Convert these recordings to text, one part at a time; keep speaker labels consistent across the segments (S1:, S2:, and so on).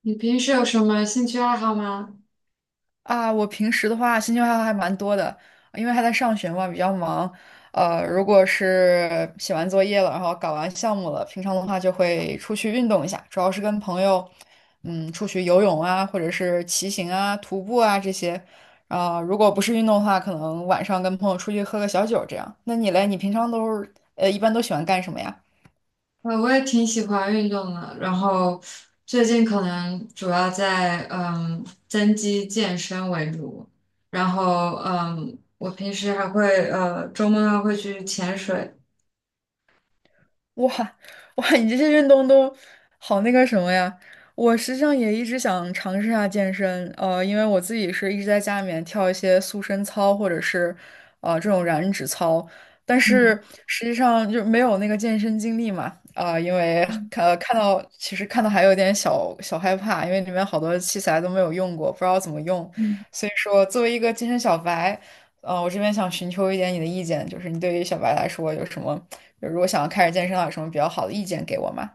S1: 你平时有什么兴趣爱好吗？
S2: 啊，我平时的话兴趣爱好还蛮多的，因为还在上学嘛，比较忙。如果是写完作业了，然后搞完项目了，平常的话就会出去运动一下，主要是跟朋友，出去游泳啊，或者是骑行啊、徒步啊这些。如果不是运动的话，可能晚上跟朋友出去喝个小酒这样。那你嘞，你平常都是一般都喜欢干什么呀？
S1: 我也挺喜欢运动的，然后最近可能主要在增肌健身为主，然后我平时还会周末还会去潜水。
S2: 哇哇，你这些运动都好那个什么呀！我实际上也一直想尝试一下健身，因为我自己是一直在家里面跳一些塑身操或者是这种燃脂操，但
S1: 嗯
S2: 是实际上就没有那个健身经历嘛，因为
S1: 嗯
S2: 呃看到其实看到还有点小小害怕，因为里面好多器材都没有用过，不知道怎么用，
S1: 嗯。
S2: 所以说作为一个健身小白。我这边想寻求一点你的意见，就是你对于小白来说有什么，就如果想要开始健身的话有什么比较好的意见给我吗？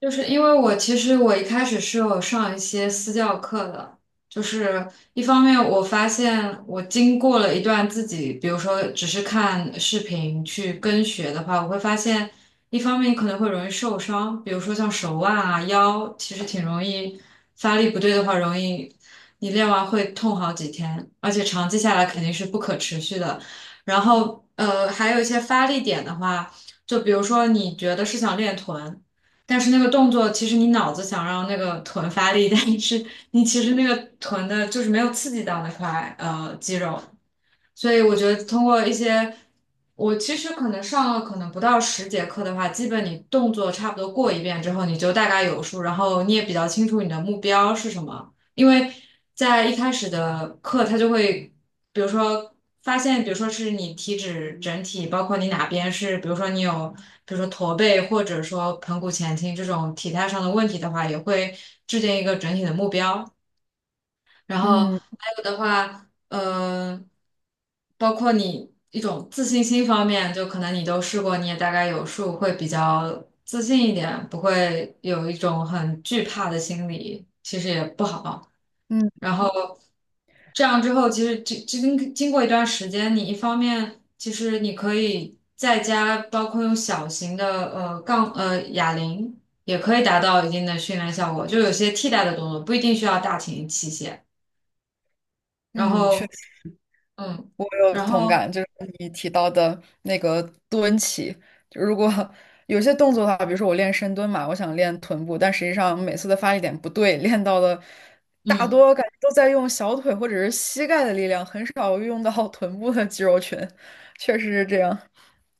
S1: 就是因为我其实一开始是有上一些私教课的，就是一方面我发现我经过了一段自己，比如说只是看视频去跟学的话，我会发现一方面你可能会容易受伤，比如说像手腕啊、腰，其实挺容易发力不对的话，容易你练完会痛好几天，而且长期下来肯定是不可持续的。然后还有一些发力点的话，就比如说你觉得是想练臀。但是那个动作，其实你脑子想让那个臀发力，但是你其实那个臀的就是没有刺激到那块肌肉，所以我觉得通过一些，我其实可能上了可能不到十节课的话，基本你动作差不多过一遍之后，你就大概有数，然后你也比较清楚你的目标是什么。因为在一开始的课，他就会，比如说发现，比如说是你体脂整体，包括你哪边是，比如说你有，比如说驼背或者说盆骨前倾这种体态上的问题的话，也会制定一个整体的目标。然后
S2: 嗯
S1: 还有的话，包括你一种自信心方面，就可能你都试过，你也大概有数，会比较自信一点，不会有一种很惧怕的心理，其实也不好。
S2: 嗯
S1: 然后这样之后，其实经过一段时间，你一方面其实你可以在家，包括用小型的哑铃，也可以达到一定的训练效果，就有些替代的动作，不一定需要大型器械。然
S2: 嗯，
S1: 后嗯，
S2: 我有
S1: 然
S2: 同
S1: 后
S2: 感，就是你提到的那个蹲起，就如果有些动作的话，比如说我练深蹲嘛，我想练臀部，但实际上每次的发力点不对，练到的大
S1: 嗯，
S2: 多感觉都在用小腿或者是膝盖的力量，很少用到 臀部的肌肉群，确实是这样。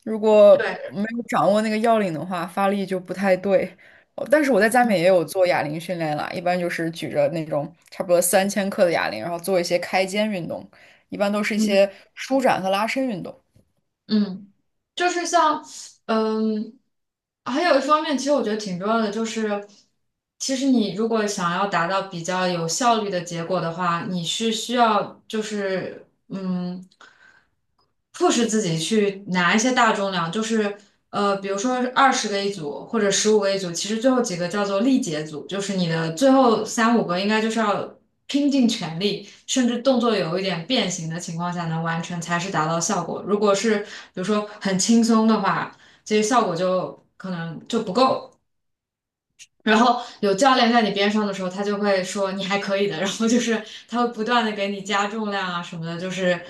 S2: 如果
S1: 对。
S2: 没有掌握那个要领的话，发力就不太对。哦但是我在家里面
S1: 嗯
S2: 也有做哑铃训练啦，一般就是举着那种差不多3千克的哑铃，然后做一些开肩运动。一般都是一
S1: 嗯
S2: 些舒展和拉伸运动。
S1: 嗯，就是像，嗯，还有一方面，其实我觉得挺重要的，就是其实你如果想要达到比较有效率的结果的话，你是需要就是。嗯。迫使自己去拿一些大重量，就是比如说二十个一组或者十五个一组，其实最后几个叫做力竭组，就是你的最后三五个应该就是要拼尽全力，甚至动作有一点变形的情况下能完成，才是达到效果。如果是比如说很轻松的话，其实效果就可能就不够。然后有教练在你边上的时候，他就会说你还可以的，然后就是他会不断的给你加重量啊什么的，就是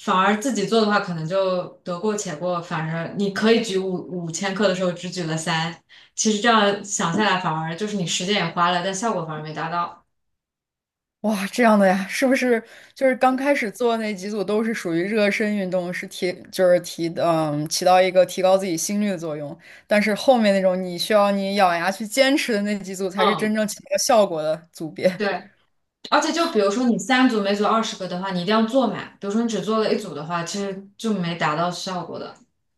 S1: 反而自己做的话，可能就得过且过，反正你可以举五千克的时候只举了三，其实这样想下来，反而就是你时间也花了，但效果反而没达到。
S2: 哇，这样的呀，是不是就是刚开始做那几组都是属于热身运动，就是提起到一个提高自己心率的作用，但是后面那种你需要你咬牙去坚持的那几组才是真
S1: 嗯，
S2: 正起到效果的组别。
S1: 对。而且就比如说你三组每组二十个的话，你一定要做满。比如说你只做了一组的话，其实就没达到效果的。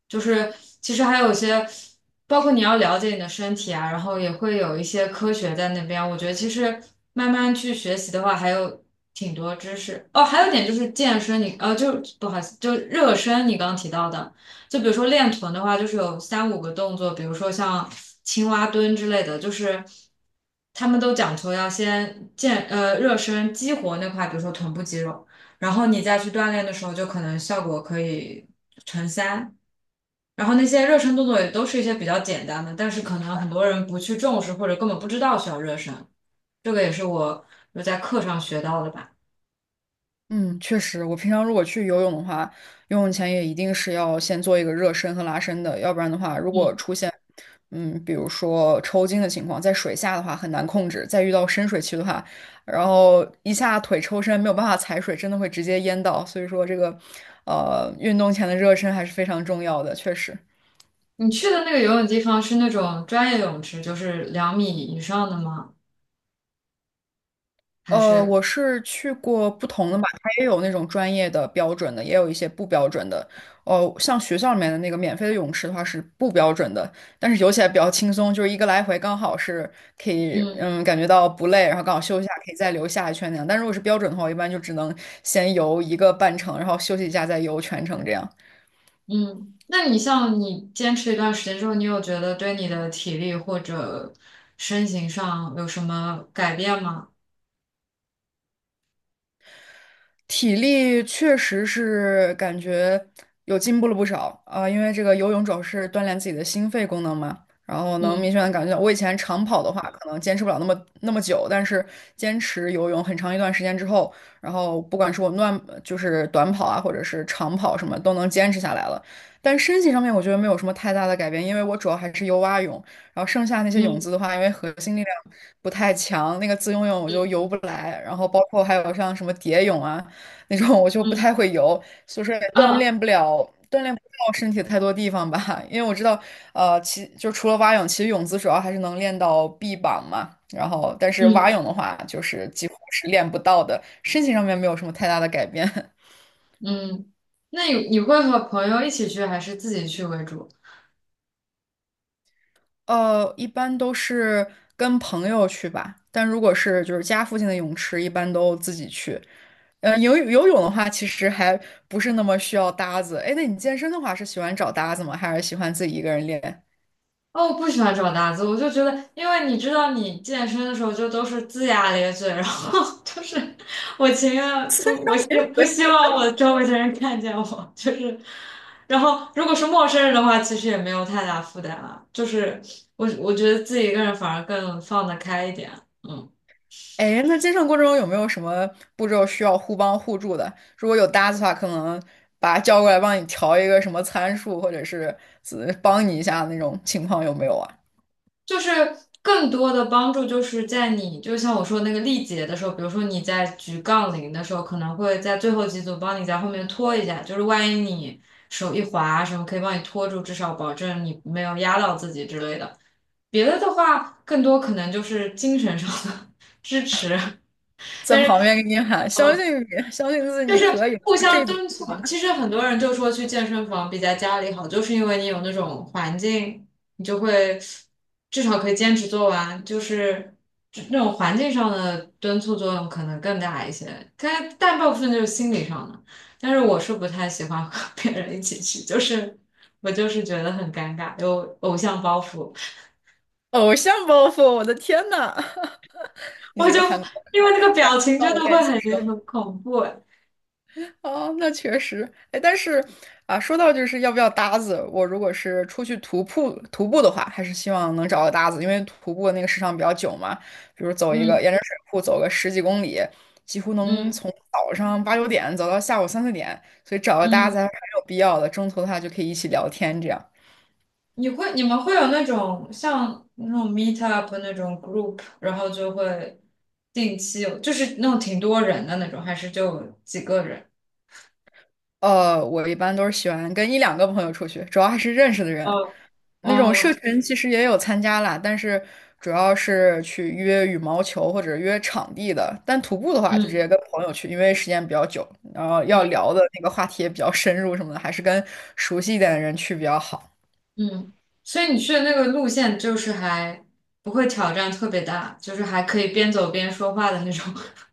S1: 就是其实还有一些，包括你要了解你的身体啊，然后也会有一些科学在那边。我觉得其实慢慢去学习的话，还有挺多知识。哦，还有一点就是健身你，就不好意思，就热身，你刚刚提到的。就比如说练臀的话，就是有三五个动作，比如说像青蛙蹲之类的，就是他们都讲求要先热身激活那块，比如说臀部肌肉，然后你再去锻炼的时候，就可能效果可以乘三。然后那些热身动作也都是一些比较简单的，但是可能很多人不去重视或者根本不知道需要热身，这个也是我有在课上学到的吧。
S2: 嗯，确实，我平常如果去游泳的话，游泳前也一定是要先做一个热身和拉伸的，要不然的话，如果
S1: 嗯，
S2: 出现，比如说抽筋的情况，在水下的话很难控制，再遇到深水区的话，然后一下腿抽伸没有办法踩水，真的会直接淹到，所以说这个，运动前的热身还是非常重要的，确实。
S1: 你去的那个游泳地方是那种专业泳池，就是两米以上的吗？还是？
S2: 我是去过不同的吧，它也有那种专业的标准的，也有一些不标准的。哦，像学校里面的那个免费的泳池的话是不标准的，但是游起来比较轻松，就是一个来回刚好是可以，
S1: 嗯
S2: 感觉到不累，然后刚好休息一下，可以再游下一圈那样。但如果是标准的话，我一般就只能先游一个半程，然后休息一下再游全程这样。
S1: 嗯，那你像你坚持一段时间之后，你有觉得对你的体力或者身形上有什么改变吗？
S2: 体力确实是感觉有进步了不少啊，因为这个游泳主要是锻炼自己的心肺功能嘛，然后能明
S1: 嗯
S2: 显的感觉到，我以前长跑的话可能坚持不了那么那么久，但是坚持游泳很长一段时间之后，然后不管是我乱就是短跑啊，或者是长跑什么都能坚持下来了。但身体上面我觉得没有什么太大的改变，因为我主要还是游蛙泳，然后剩下那些泳
S1: 嗯
S2: 姿的话，因为核心力量不太强，那个自由泳我就
S1: 嗯
S2: 游不来，然后包括还有像什么蝶泳啊。那种，我就不
S1: 嗯
S2: 太会游，就是也
S1: 啊
S2: 锻炼不到身体太多地方吧。因为我知道，除了蛙泳，其实泳姿主要还是能练到臂膀嘛。然后，但是蛙
S1: 嗯
S2: 泳的话，就是几乎是练不到的，身形上面没有什么太大的改变。
S1: 嗯，那你会和朋友一起去还是自己去为主？
S2: 一般都是跟朋友去吧，但如果是就是家附近的泳池，一般都自己去。游泳的话，其实还不是那么需要搭子。哎，那你健身的话，是喜欢找搭子吗？还是喜欢自己一个人练？
S1: 哦，我不喜欢这种搭子，我就觉得，因为你知道，你健身的时候就都是龇牙咧嘴，然后 就是我 希不希望我周围的人看见我，就是，然后如果是陌生人的话，其实也没有太大负担了，就是我觉得自己一个人反而更放得开一点，嗯。
S2: 哎，那接上过程中有没有什么步骤需要互帮互助的？如果有搭子的话，可能把他叫过来帮你调一个什么参数，或者是帮你一下那种情况有没有啊？
S1: 就是更多的帮助就是在你，就像我说那个力竭的时候，比如说你在举杠铃的时候，可能会在最后几组帮你在后面拖一下，就是万一你手一滑什么，可以帮你拖住，至少保证你没有压到自己之类的。别的的话，更多可能就是精神上的 支持，
S2: 在
S1: 但
S2: 旁
S1: 是。
S2: 边给你喊，相
S1: 呃
S2: 信你，相信自己，
S1: 就
S2: 你
S1: 是
S2: 可以的，
S1: 互相
S2: 这怎
S1: 敦促
S2: 么
S1: 嘛。
S2: 办。
S1: 其实很多人就说去健身房比在家里好，就是因为你有那种环境，你就会至少可以坚持做完，就是那种环境上的敦促作用可能更大一些。但大部分就是心理上的。但是我是不太喜欢和别人一起去，就是我就是觉得很尴尬，有偶像包袱，
S2: 偶像包袱，我的天呐！你
S1: 我
S2: 是
S1: 就
S2: 不是喊
S1: 因为那个表情
S2: 到
S1: 真
S2: 了
S1: 的会
S2: 练习
S1: 很
S2: 生？
S1: 很恐怖。
S2: 哦，那确实，哎，但是啊，说到就是要不要搭子，我如果是出去徒步的话，还是希望能找个搭子，因为徒步的那个时长比较久嘛，比如走一个
S1: 嗯
S2: 沿着水库走个十几公里，几乎能
S1: 嗯
S2: 从早上八九点走到下午三四点，所以找个搭子
S1: 嗯。
S2: 还是很有必要的，中途的话就可以一起聊天这样。
S1: 你们会有那种像那种 meet up 那种 group，然后就会定期有就是那种挺多人的那种，还是就几个人？
S2: 我一般都是喜欢跟一两个朋友出去，主要还是认识的人。
S1: 哦
S2: 那种社
S1: 哦，
S2: 群其实也有参加啦，但是主要是去约羽毛球或者约场地的。但徒步的话，就直
S1: 嗯
S2: 接跟朋友去，因为时间比较久，然后要
S1: 嗯
S2: 聊的那个话题也比较深入什么的，还是跟熟悉一点的人去比较好。
S1: 嗯，所以你去的那个路线就是还不会挑战特别大，就是还可以边走边说话的那种。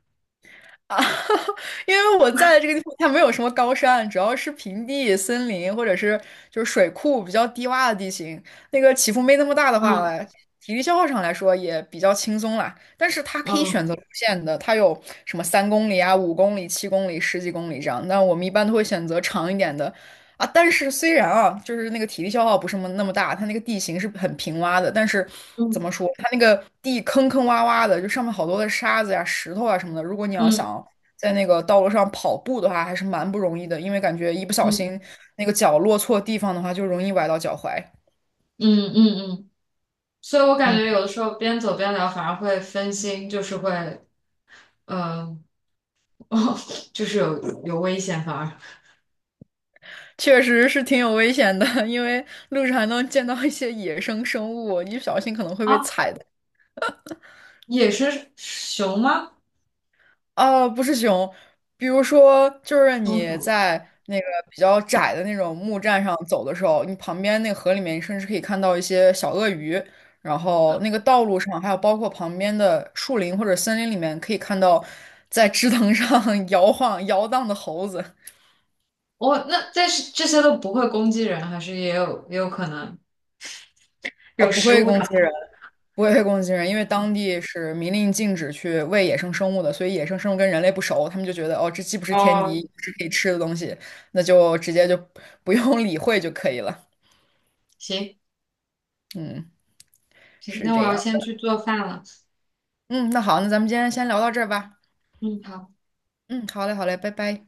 S2: 啊，因为我在的这个地方，它没有什么高山，主要是平地、森林或者是就是水库比较低洼的地形，那个起伏没那么大的话
S1: 嗯
S2: 呢，体力消耗上来说也比较轻松啦。但是它可以
S1: 嗯
S2: 选择路线的，它有什么3公里啊、5公里、7公里、十几公里这样。那我们一般都会选择长一点的，啊，但是虽然啊，就是那个体力消耗不是那么那么大，它那个地形是很平洼的，但是怎
S1: 嗯
S2: 么说，它那个地坑坑洼洼的，就上面好多的沙子呀、石头啊什么的。如果你要
S1: 嗯
S2: 想在那个道路上跑步的话，还是蛮不容易的，因为感觉一不小
S1: 嗯
S2: 心那个脚落错地方的话，就容易崴到脚踝。
S1: 嗯嗯嗯，所以我感
S2: 嗯，
S1: 觉有的时候边走边聊反而会分心，就是会嗯。哦，就是有危险，反而
S2: 确实是挺有危险的，因为路上还能见到一些野生生物，一不小心可能会被
S1: 啊，
S2: 踩到。
S1: 也是熊吗？
S2: 不是熊，比如说，就是
S1: 松
S2: 你
S1: 鼠？
S2: 在那个比较窄的那种木栈上走的时候，你旁边那个河里面，你甚至可以看到一些小鳄鱼，然后那个道路上，还有包括旁边的树林或者森林里面，可以看到在枝藤上 摇晃摇荡的猴子，
S1: 哦，那但是这些都不会攻击人，还是也有可能有
S2: 不
S1: 食
S2: 会
S1: 物
S2: 攻
S1: 的。
S2: 击人。不会被攻击人，因为当地是明令禁止去喂野生生物的，所以野生生物跟人类不熟，他们就觉得哦，这既不是天敌，
S1: 哦，
S2: 也不是可以吃的东西，那就直接就不用理会就可以了。
S1: 行
S2: 嗯，
S1: 行，
S2: 是
S1: 那我
S2: 这
S1: 要
S2: 样。
S1: 先去做饭了。
S2: 嗯，那好，那咱们今天先聊到这儿吧。
S1: 嗯，好。
S2: 嗯，好嘞，好嘞，拜拜。